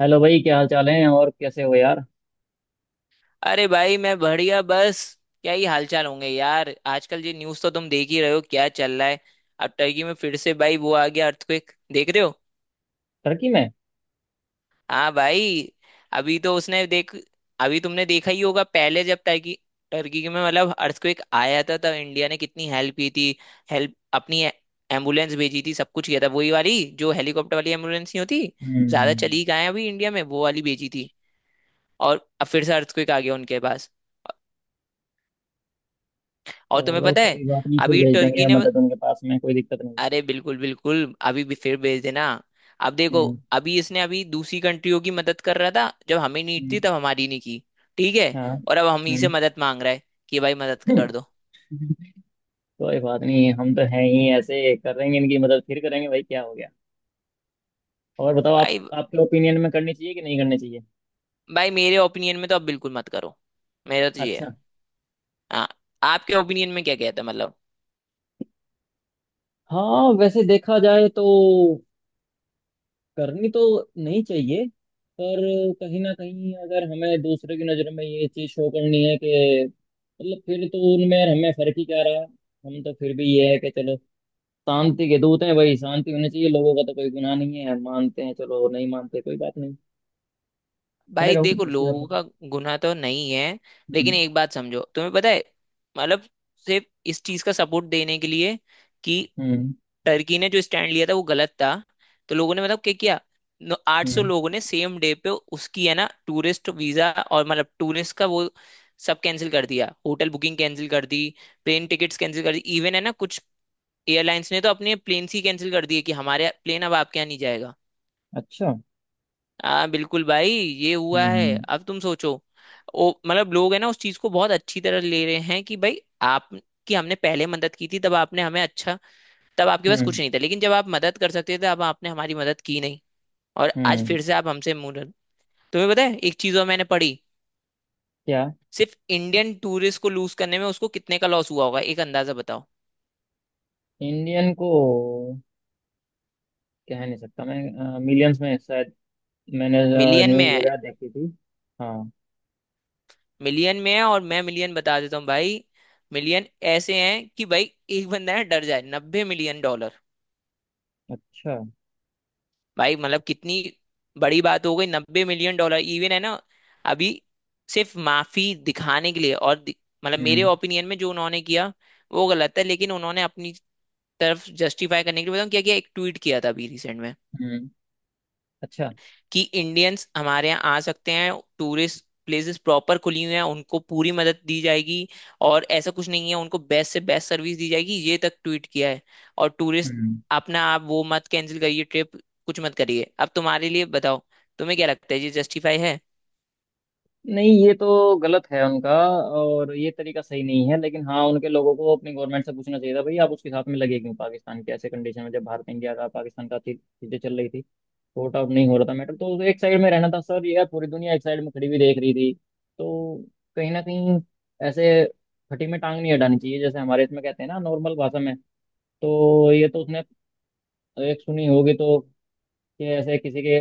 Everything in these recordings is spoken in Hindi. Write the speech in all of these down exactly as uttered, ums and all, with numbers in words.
हेलो भाई, क्या हाल चाल है और कैसे हो यार? अरे भाई मैं बढ़िया। बस क्या ही हालचाल होंगे यार। आजकल ये न्यूज़ तो तुम देख ही रहे हो क्या चल रहा है। अब टर्की में फिर से भाई वो आ गया अर्थक्वेक देख रहे हो। टर्की में? हाँ भाई। अभी तो उसने देख अभी तुमने देखा ही होगा पहले जब टर्की टर्की में मतलब अर्थक्वेक आया था तब इंडिया ने कितनी हेल्प की थी। हेल्प अपनी एम्बुलेंस भेजी थी। सब कुछ किया था वही वाली जो हेलीकॉप्टर वाली एम्बुलेंस नहीं होती ज्यादा हम्म। चली कहाँ है। अभी इंडिया में वो वाली भेजी थी। और अब फिर से अर्थक्वेक आ गया उनके पास। और तुम्हें चलो पता है कोई बात नहीं, फिर अभी भेज टर्की देंगे ने मदद, उनके पास में कोई दिक्कत नहीं है। अरे बिल्कुल बिल्कुल। अभी भी फिर भेज देना। अब देखो हम्म। अभी इसने अभी दूसरी कंट्रियों की मदद कर रहा था जब हमें नीड हम्म, थी तब हमारी नहीं की। ठीक है। हाँ। और अब हम ही हम्म। से मदद मांग रहा है कि भाई मदद कर दो। कोई बात नहीं, हम तो हैं ही ऐसे, करेंगे इनकी मदद, फिर करेंगे भाई, क्या हो गया। और बताओ, आप भाई आपके ओपिनियन में करनी चाहिए कि नहीं करनी चाहिए? भाई मेरे ओपिनियन में तो अब बिल्कुल मत करो। मेरा तो ये अच्छा। है। हाँ, आपके ओपिनियन में क्या कहता है मतलब। हाँ वैसे देखा जाए तो करनी तो नहीं चाहिए, पर कहीं ना कहीं अगर हमें दूसरे की नज़र में ये चीज़ शो करनी है कि, मतलब फिर तो उनमें और हमें फर्क ही क्या रहा। हम तो फिर भी ये है कि चलो, शांति के दूत हैं भाई, शांति होनी चाहिए। लोगों का तो कोई गुनाह नहीं है, मानते हैं चलो, नहीं मानते कोई बात नहीं, खड़े भाई रहो देखो इसके लोगों बाद। का गुनाह तो नहीं है लेकिन हम्म। एक बात समझो। तुम्हें पता है मतलब सिर्फ इस चीज का सपोर्ट देने के लिए कि हम्म। टर्की ने जो स्टैंड लिया था वो गलत था, तो लोगों ने मतलब क्या किया। आठ सौ हम्म। लोगों ने सेम डे पे उसकी है ना टूरिस्ट वीजा और मतलब टूरिस्ट का वो सब कैंसिल कर दिया। होटल बुकिंग कैंसिल कर दी। प्लेन टिकट्स कैंसिल कर दी। इवन है ना कुछ एयरलाइंस ने तो अपने प्लेन ही कैंसिल कर दिए कि हमारे प्लेन अब आपके यहाँ नहीं जाएगा। अच्छा। हाँ बिल्कुल भाई ये हुआ है। हम्म। अब तुम सोचो ओ मतलब लोग है ना उस चीज को बहुत अच्छी तरह ले रहे हैं कि भाई आपकी हमने पहले मदद की थी तब आपने हमें अच्छा, तब आपके पास हम्म। कुछ नहीं था लेकिन जब आप मदद कर सकते थे अब आपने हमारी मदद की नहीं। और आज हम्म। फिर से आप हमसे मुंह रहे- तुम्हें पता है एक चीज और मैंने पढ़ी। क्या? सिर्फ इंडियन टूरिस्ट को लूज करने में उसको कितने का लॉस हुआ होगा एक अंदाजा बताओ। इंडियन को? कह नहीं सकता मैं, मिलियंस में शायद। मैंने मिलियन में न्यूज़ है। वगैरह देखी थी। हाँ। मिलियन में है और मैं मिलियन बता देता हूँ भाई। मिलियन ऐसे हैं कि भाई एक बंदा है डर जाए नब्बे मिलियन डॉलर। अच्छा। भाई मतलब कितनी बड़ी बात हो गई नब्बे मिलियन डॉलर। इवन है ना अभी सिर्फ माफी दिखाने के लिए और दि- मतलब मेरे हम्म। ओपिनियन में जो उन्होंने किया वो गलत है लेकिन उन्होंने अपनी तरफ जस्टिफाई करने के लिए, बताऊं क्या किया, एक ट्वीट किया था अभी रिसेंट में हम्म। अच्छा। कि इंडियंस हमारे यहाँ आ सकते हैं। टूरिस्ट प्लेसेस प्रॉपर खुली हुई हैं। उनको पूरी मदद दी जाएगी और ऐसा कुछ नहीं है। उनको बेस्ट से बेस्ट सर्विस दी जाएगी, ये तक ट्वीट किया है। और टूरिस्ट हम्म। अपना आप वो मत कैंसिल करिए ट्रिप। कुछ मत करिए। अब तुम्हारे लिए बताओ तुम्हें क्या लगता है ये जस्टिफाई है। नहीं, ये तो गलत है उनका, और ये तरीका सही नहीं है। लेकिन हाँ, उनके लोगों को अपनी गवर्नमेंट से पूछना चाहिए था, भाई आप उसके साथ में लगे क्यों? पाकिस्तान के ऐसे कंडीशन में, जब भारत इंडिया का पाकिस्तान का चीज- चीजें चल रही थी, सॉर्ट आउट नहीं हो रहा था मैटर, तो एक साइड में रहना था। सर यार पूरी दुनिया एक साइड में खड़ी हुई देख रही थी। तो कहीं ना कहीं ऐसे खटी में टांग नहीं अड़ानी चाहिए, जैसे हमारे इसमें कहते हैं ना नॉर्मल भाषा में, तो ये तो उसने एक सुनी होगी तो, कि ऐसे किसी के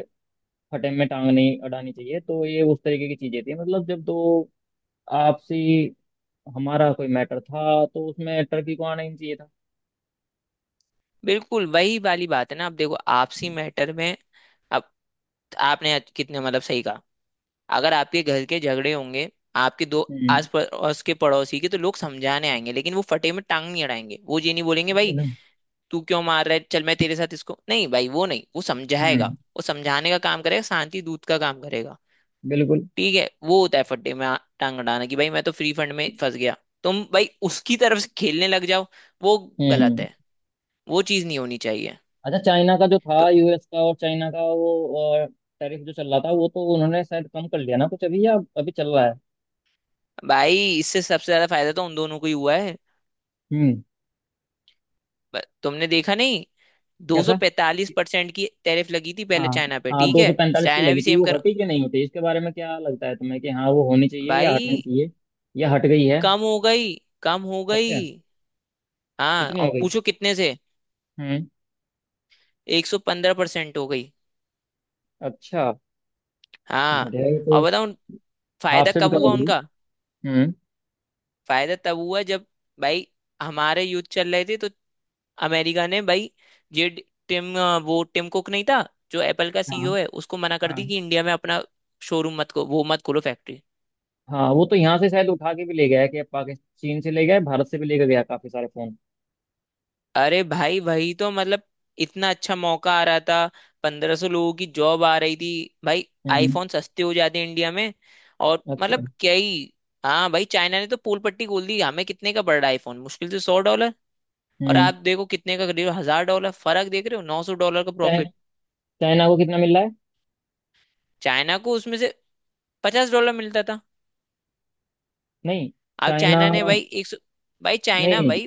फटे में टांग नहीं अड़ानी चाहिए। तो ये उस तरीके की चीजें थी, मतलब जब तो आपसी हमारा कोई मैटर था, तो उसमें टर्की को आना ही नहीं चाहिए था। बिल्कुल वही वाली बात है ना। अब देखो आपसी मैटर में अब आपने आज कितने मतलब सही कहा। अगर आपके घर के झगड़े होंगे आपके दो हम्म। आस पड़ोस के पड़ोसी के, तो लोग समझाने आएंगे लेकिन वो फटे में टांग नहीं अड़ाएंगे। वो ये नहीं बोलेंगे वही भाई ना। तू क्यों मार रहा है चल मैं तेरे साथ, इसको नहीं भाई, वो नहीं, वो समझाएगा। हम्म। वो समझाने का काम करेगा शांति दूत का काम करेगा। बिल्कुल। ठीक है वो होता है फट्टे में आ- टांग अड़ाना कि भाई मैं तो फ्री फंड में फंस गया। तुम भाई उसकी तरफ से खेलने लग जाओ। वो गलत हम्म। है। वो चीज नहीं होनी चाहिए। अच्छा, चाइना का जो था, तो यूएस का और चाइना का वो, और टैरिफ जो चल रहा था, वो तो उन्होंने शायद कम कर लिया ना कुछ अभी, या अभी चल रहा है? भाई इससे सबसे ज्यादा फायदा तो उन दोनों को ही हुआ है। हम्म। ब- तुमने देखा नहीं 245 कैसा? परसेंट की टैरिफ लगी थी पहले हाँ। चाइना पे। हाँ, ठीक दो सौ है पैंतालीस की चाइना लगी भी थी, सेम वो करो हटी कि नहीं हटी? इसके बारे में क्या लगता है तुम्हें, कि हाँ वो होनी चाहिए या हटनी भाई। चाहिए, या हट गई है? कम हो गई। कम हो गई। अच्छा। हाँ कितनी और हो पूछो कितने से। गई? एक सौ पंद्रह परसेंट हो गई। अच्छा, हाँ, बढ़िया। ये और तो बताओ उन- हाफ फायदा से भी कब कम हो हुआ गई। उनका। हम्म। फायदा तब हुआ जब भाई हमारे युद्ध चल रहे थे तो अमेरिका ने भाई ये ड- टिम अ, वो टिम कुक नहीं था जो एप्पल का सीईओ हाँ। है, उसको मना कर हाँ, दी कि इंडिया में अपना शोरूम मत को वो मत खोलो फैक्ट्री। हाँ वो तो यहाँ से शायद उठा के भी ले गया है, कि पाकिस्तान चीन से ले गया है, भारत से भी लेकर गया काफी सारे फोन। अरे भाई वही तो मतलब इतना अच्छा मौका आ रहा था। पंद्रह सौ लोगों की जॉब आ रही थी भाई। हम्म। आईफोन सस्ते हो जाते हैं इंडिया में और अच्छा। मतलब क्या ही। हाँ भाई चाइना ने तो पूल पट्टी खोल दी। हमें कितने का पड़ रहा है आईफोन मुश्किल से सौ डॉलर। और हम्म। आप देखो कितने का करीब हजार डॉलर। फर्क देख रहे हो नौ सौ डॉलर का चाइ, प्रॉफिट। चाइना को कितना मिल रहा है? चाइना को उसमें से पचास डॉलर मिलता था। नहीं। अब चाइना चाइना ने नहीं। भाई एक सौ, भाई चाइना नहीं, भाई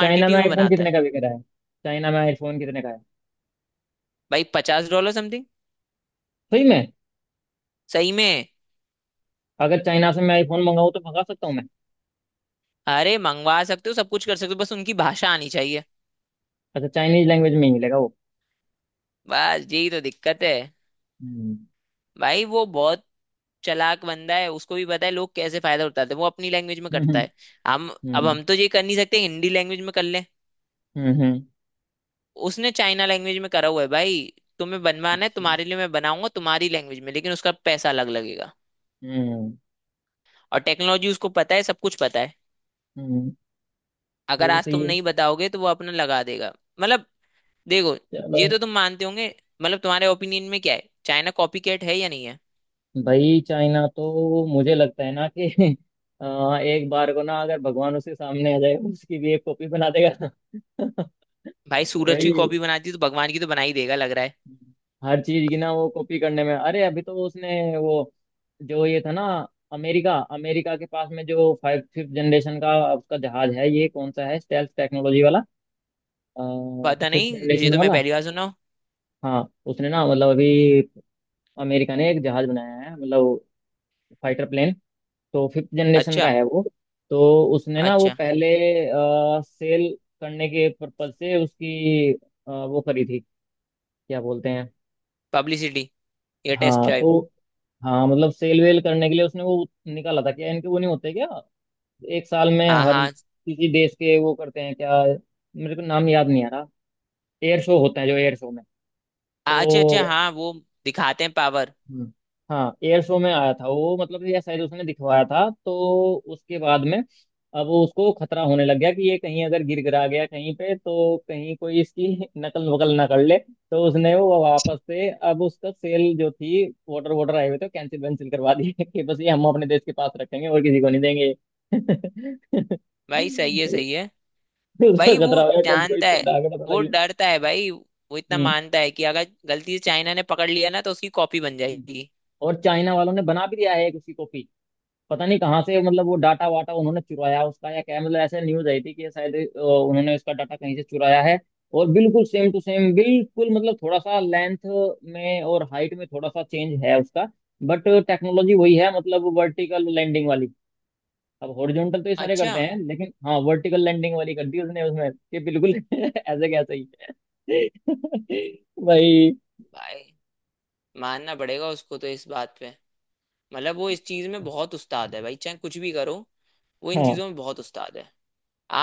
चाइना में में आईफोन बनाता है। कितने का बिक रहा है? चाइना में आईफोन कितने का है? भाई पचास डॉलर समथिंग। सही में? सही में। अगर चाइना से मैं आईफोन मंगाऊँ तो मंगा सकता हूँ मैं? अरे मंगवा सकते हो सब कुछ कर सकते हो बस उनकी भाषा आनी चाहिए। अच्छा, चाइनीज लैंग्वेज में ही मिलेगा वो? बस यही तो दिक्कत है। हम्म। भाई वो बहुत चालाक बंदा है। उसको भी पता है लोग कैसे फायदा उठाते हैं। वो अपनी लैंग्वेज में हम्म। करता है। हम अब हम्म। हम तो ये कर नहीं सकते हिंदी लैंग्वेज में कर लें। हम्म। हम्म, उसने चाइना लैंग्वेज में करा हुआ है भाई। तुम्हें बनवाना है अच्छा। तुम्हारे लिए मैं बनाऊंगा तुम्हारी लैंग्वेज में लेकिन उसका पैसा अलग लगेगा। हम्म। और टेक्नोलॉजी उसको पता है सब कुछ पता है। हम्म। ये अगर भी आज सही तुम है। नहीं बताओगे तो वो अपना लगा देगा। मतलब देखो चलो। ये तो तुम मानते होंगे। मतलब तुम्हारे ओपिनियन में क्या है, चाइना कॉपीकैट है या नहीं है। भाई चाइना तो मुझे लगता है ना कि अ, एक बार को ना, अगर भगवान उसके सामने आ जाए उसकी भी एक कॉपी बना देगा। भाई सूरज की वही, कॉपी बनाती है तो भगवान की तो बना ही देगा लग रहा है। हर चीज की ना वो कॉपी करने में। अरे अभी तो उसने वो, जो ये था ना, अमेरिका अमेरिका के पास में जो फाइव फिफ्थ जनरेशन का उसका जहाज है, ये कौन सा है, स्टेल्थ टेक्नोलॉजी वाला, पता फिफ्थ नहीं। ये जनरेशन तो मैं वाला। पहली बार सुना हूँ। हाँ उसने ना, मतलब अभी अमेरिका ने एक जहाज बनाया है, मतलब फाइटर प्लेन, तो फिफ्थ जनरेशन का अच्छा, है वो। तो उसने ना वो अच्छा। पहले सेल करने के पर्पज से उसकी अ, वो करी थी, क्या बोलते हैं? पब्लिसिटी या टेस्ट हाँ ड्राइव। तो, हाँ मतलब सेल वेल करने के लिए उसने वो निकाला था। क्या इनके वो नहीं होते क्या, एक साल में हाँ, हर हाँ। किसी देश के वो करते हैं क्या? मेरे को नाम याद नहीं आ रहा, एयर शो होता है, जो एयर शो में हाँ, अच्छा, अच्छा। तो, हाँ वो दिखाते हैं पावर। हम्म, हाँ एयर शो में आया था वो, मतलब या शायद उसने दिखवाया था। तो उसके बाद में अब उसको खतरा होने लग गया कि ये कहीं अगर गिर गिरा गया कहीं पे, तो कहीं कोई इसकी नकल वकल ना कर ले, तो उसने वो वापस से अब उसका सेल जो थी, वाटर वाटर आए हुए थे, कैंसिल वैंसिल करवा दी। कि बस ये हम अपने देश के पास रखेंगे और किसी को नहीं देंगे। भाई सही है, सही है। उसका भाई वो खतरा हो गया, कब कोई जानता तो है। डाक पता वो लगे। डरता है भाई। वो इतना हम्म। मानता है कि अगर गलती से चाइना ने पकड़ लिया ना तो उसकी कॉपी बन जाएगी। और चाइना वालों ने बना भी दिया है एक उसकी कॉपी। पता नहीं कहाँ से, मतलब वो डाटा वाटा उन्होंने चुराया उसका, या क्या, मतलब ऐसे न्यूज आई थी कि शायद अ, उन्होंने उसका डाटा कहीं से चुराया है। और बिल्कुल सेम टू सेम, बिल्कुल, मतलब थोड़ा सा लेंथ में और हाइट में थोड़ा सा चेंज है उसका, बट टेक्नोलॉजी वही है, मतलब वर्टिकल लैंडिंग वाली। अब हॉरिजॉन्टल तो ये सारे अच्छा, करते हैं, लेकिन हाँ वर्टिकल लैंडिंग वाली कर दी उसने उसमें, कि बिल्कुल ऐसे कैसे ही। भाई। भाई मानना पड़ेगा उसको तो इस बात पे। मतलब वो इस चीज में बहुत उस्ताद है भाई चाहे कुछ भी करो। वो इन हाँ चीजों में बहुत उस्ताद है।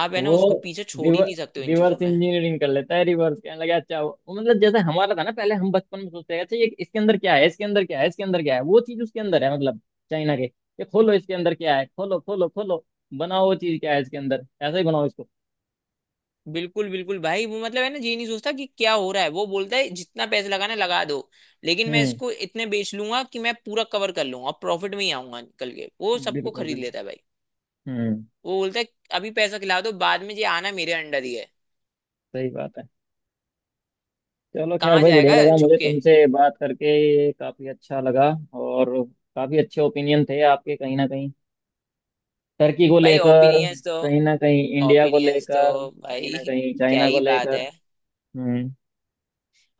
आप है ना वो उसको पीछे छोड़ ही रिवर नहीं सकते हो इन चीजों रिवर्स में। इंजीनियरिंग कर लेता है, रिवर्स कहने लगा। अच्छा वो वो मतलब जैसे हमारा था ना, पहले हम बचपन में सोचते हैं अच्छा ये इसके अंदर क्या है, इसके अंदर क्या है, इसके अंदर क्या है, वो चीज उसके अंदर है मतलब, चाइना के, ये खोलो इसके अंदर क्या है, खोलो खोलो खोलो, बनाओ वो चीज क्या है इसके अंदर, ऐसे ही बनाओ इसको। बिल्कुल बिल्कुल भाई, वो मतलब है ना ये नहीं सोचता कि क्या हो रहा है। वो बोलता है जितना पैसे लगाना है लगा दो लेकिन मैं हम्म। इसको इतने बेच लूंगा कि मैं पूरा कवर कर लूंगा और प्रॉफिट में ही आऊंगा निकल के। वो सबको बिल्कुल खरीद बिल्कुल। लेता है भाई। हम्म। वो बोलता है अभी पैसा खिला दो बाद में ये आना मेरे अंडर ही है। सही बात है। चलो खैर कहाँ भाई, बढ़िया जाएगा लगा छुप मुझे के। तुमसे बात करके, काफी अच्छा लगा। और काफी अच्छे ओपिनियन थे आपके, कहीं ना कहीं टर्की को भाई लेकर, ओपिनियंस तो कहीं ना कहीं इंडिया को ओपिनियंस तो लेकर, कहीं भाई ना कहीं क्या चाइना को ही बात लेकर। है। हम्म।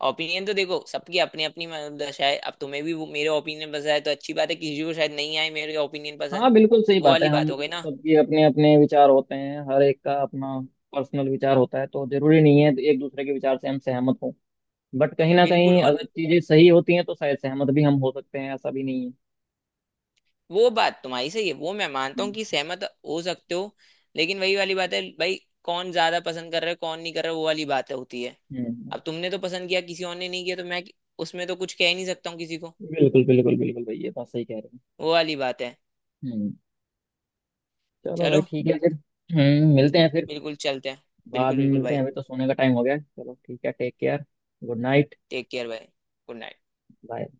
ओपिनियन तो देखो सबकी अपनी अपनी मतलब दशा है। अब तुम्हें भी वो मेरे ओपिनियन पसंद आए तो अच्छी बात है, किसी को शायद नहीं आए मेरे ओपिनियन हाँ पसंद। बिल्कुल सही वो बात है, वाली हम बात हो गई ना। सबके अपने अपने विचार होते हैं, हर एक का अपना पर्सनल विचार होता है, तो जरूरी नहीं है एक दूसरे के विचार से हम सहमत हों। बट कहीं ना बिल्कुल। कहीं और अगर चीजें सही होती हैं तो शायद सहमत भी हम हो सकते हैं, ऐसा भी नहीं है। वो बात तुम्हारी सही है। वो मैं मानता हूँ हम्म। कि सहमत हो सकते हो लेकिन वही वाली बात है भाई। कौन ज्यादा पसंद कर रहा है कौन नहीं कर रहा है, वो वाली बात होती है। हम्म, अब तुमने तो पसंद किया किसी और ने नहीं किया तो मैं उसमें तो कुछ कह ही नहीं सकता हूँ किसी को। बिल्कुल बिल्कुल बिल्कुल भाई, ये बात सही कह रहे हो। वो वाली बात है। हम्म। चलो भाई चलो, ठीक है फिर। हम्म, मिलते हैं फिर, बिल्कुल चलते हैं। बाद बिल्कुल में बिल्कुल मिलते हैं, भाई। अभी तो सोने का टाइम हो गया है। चलो ठीक है, take care, good night, take care भाई। Good night. बाय।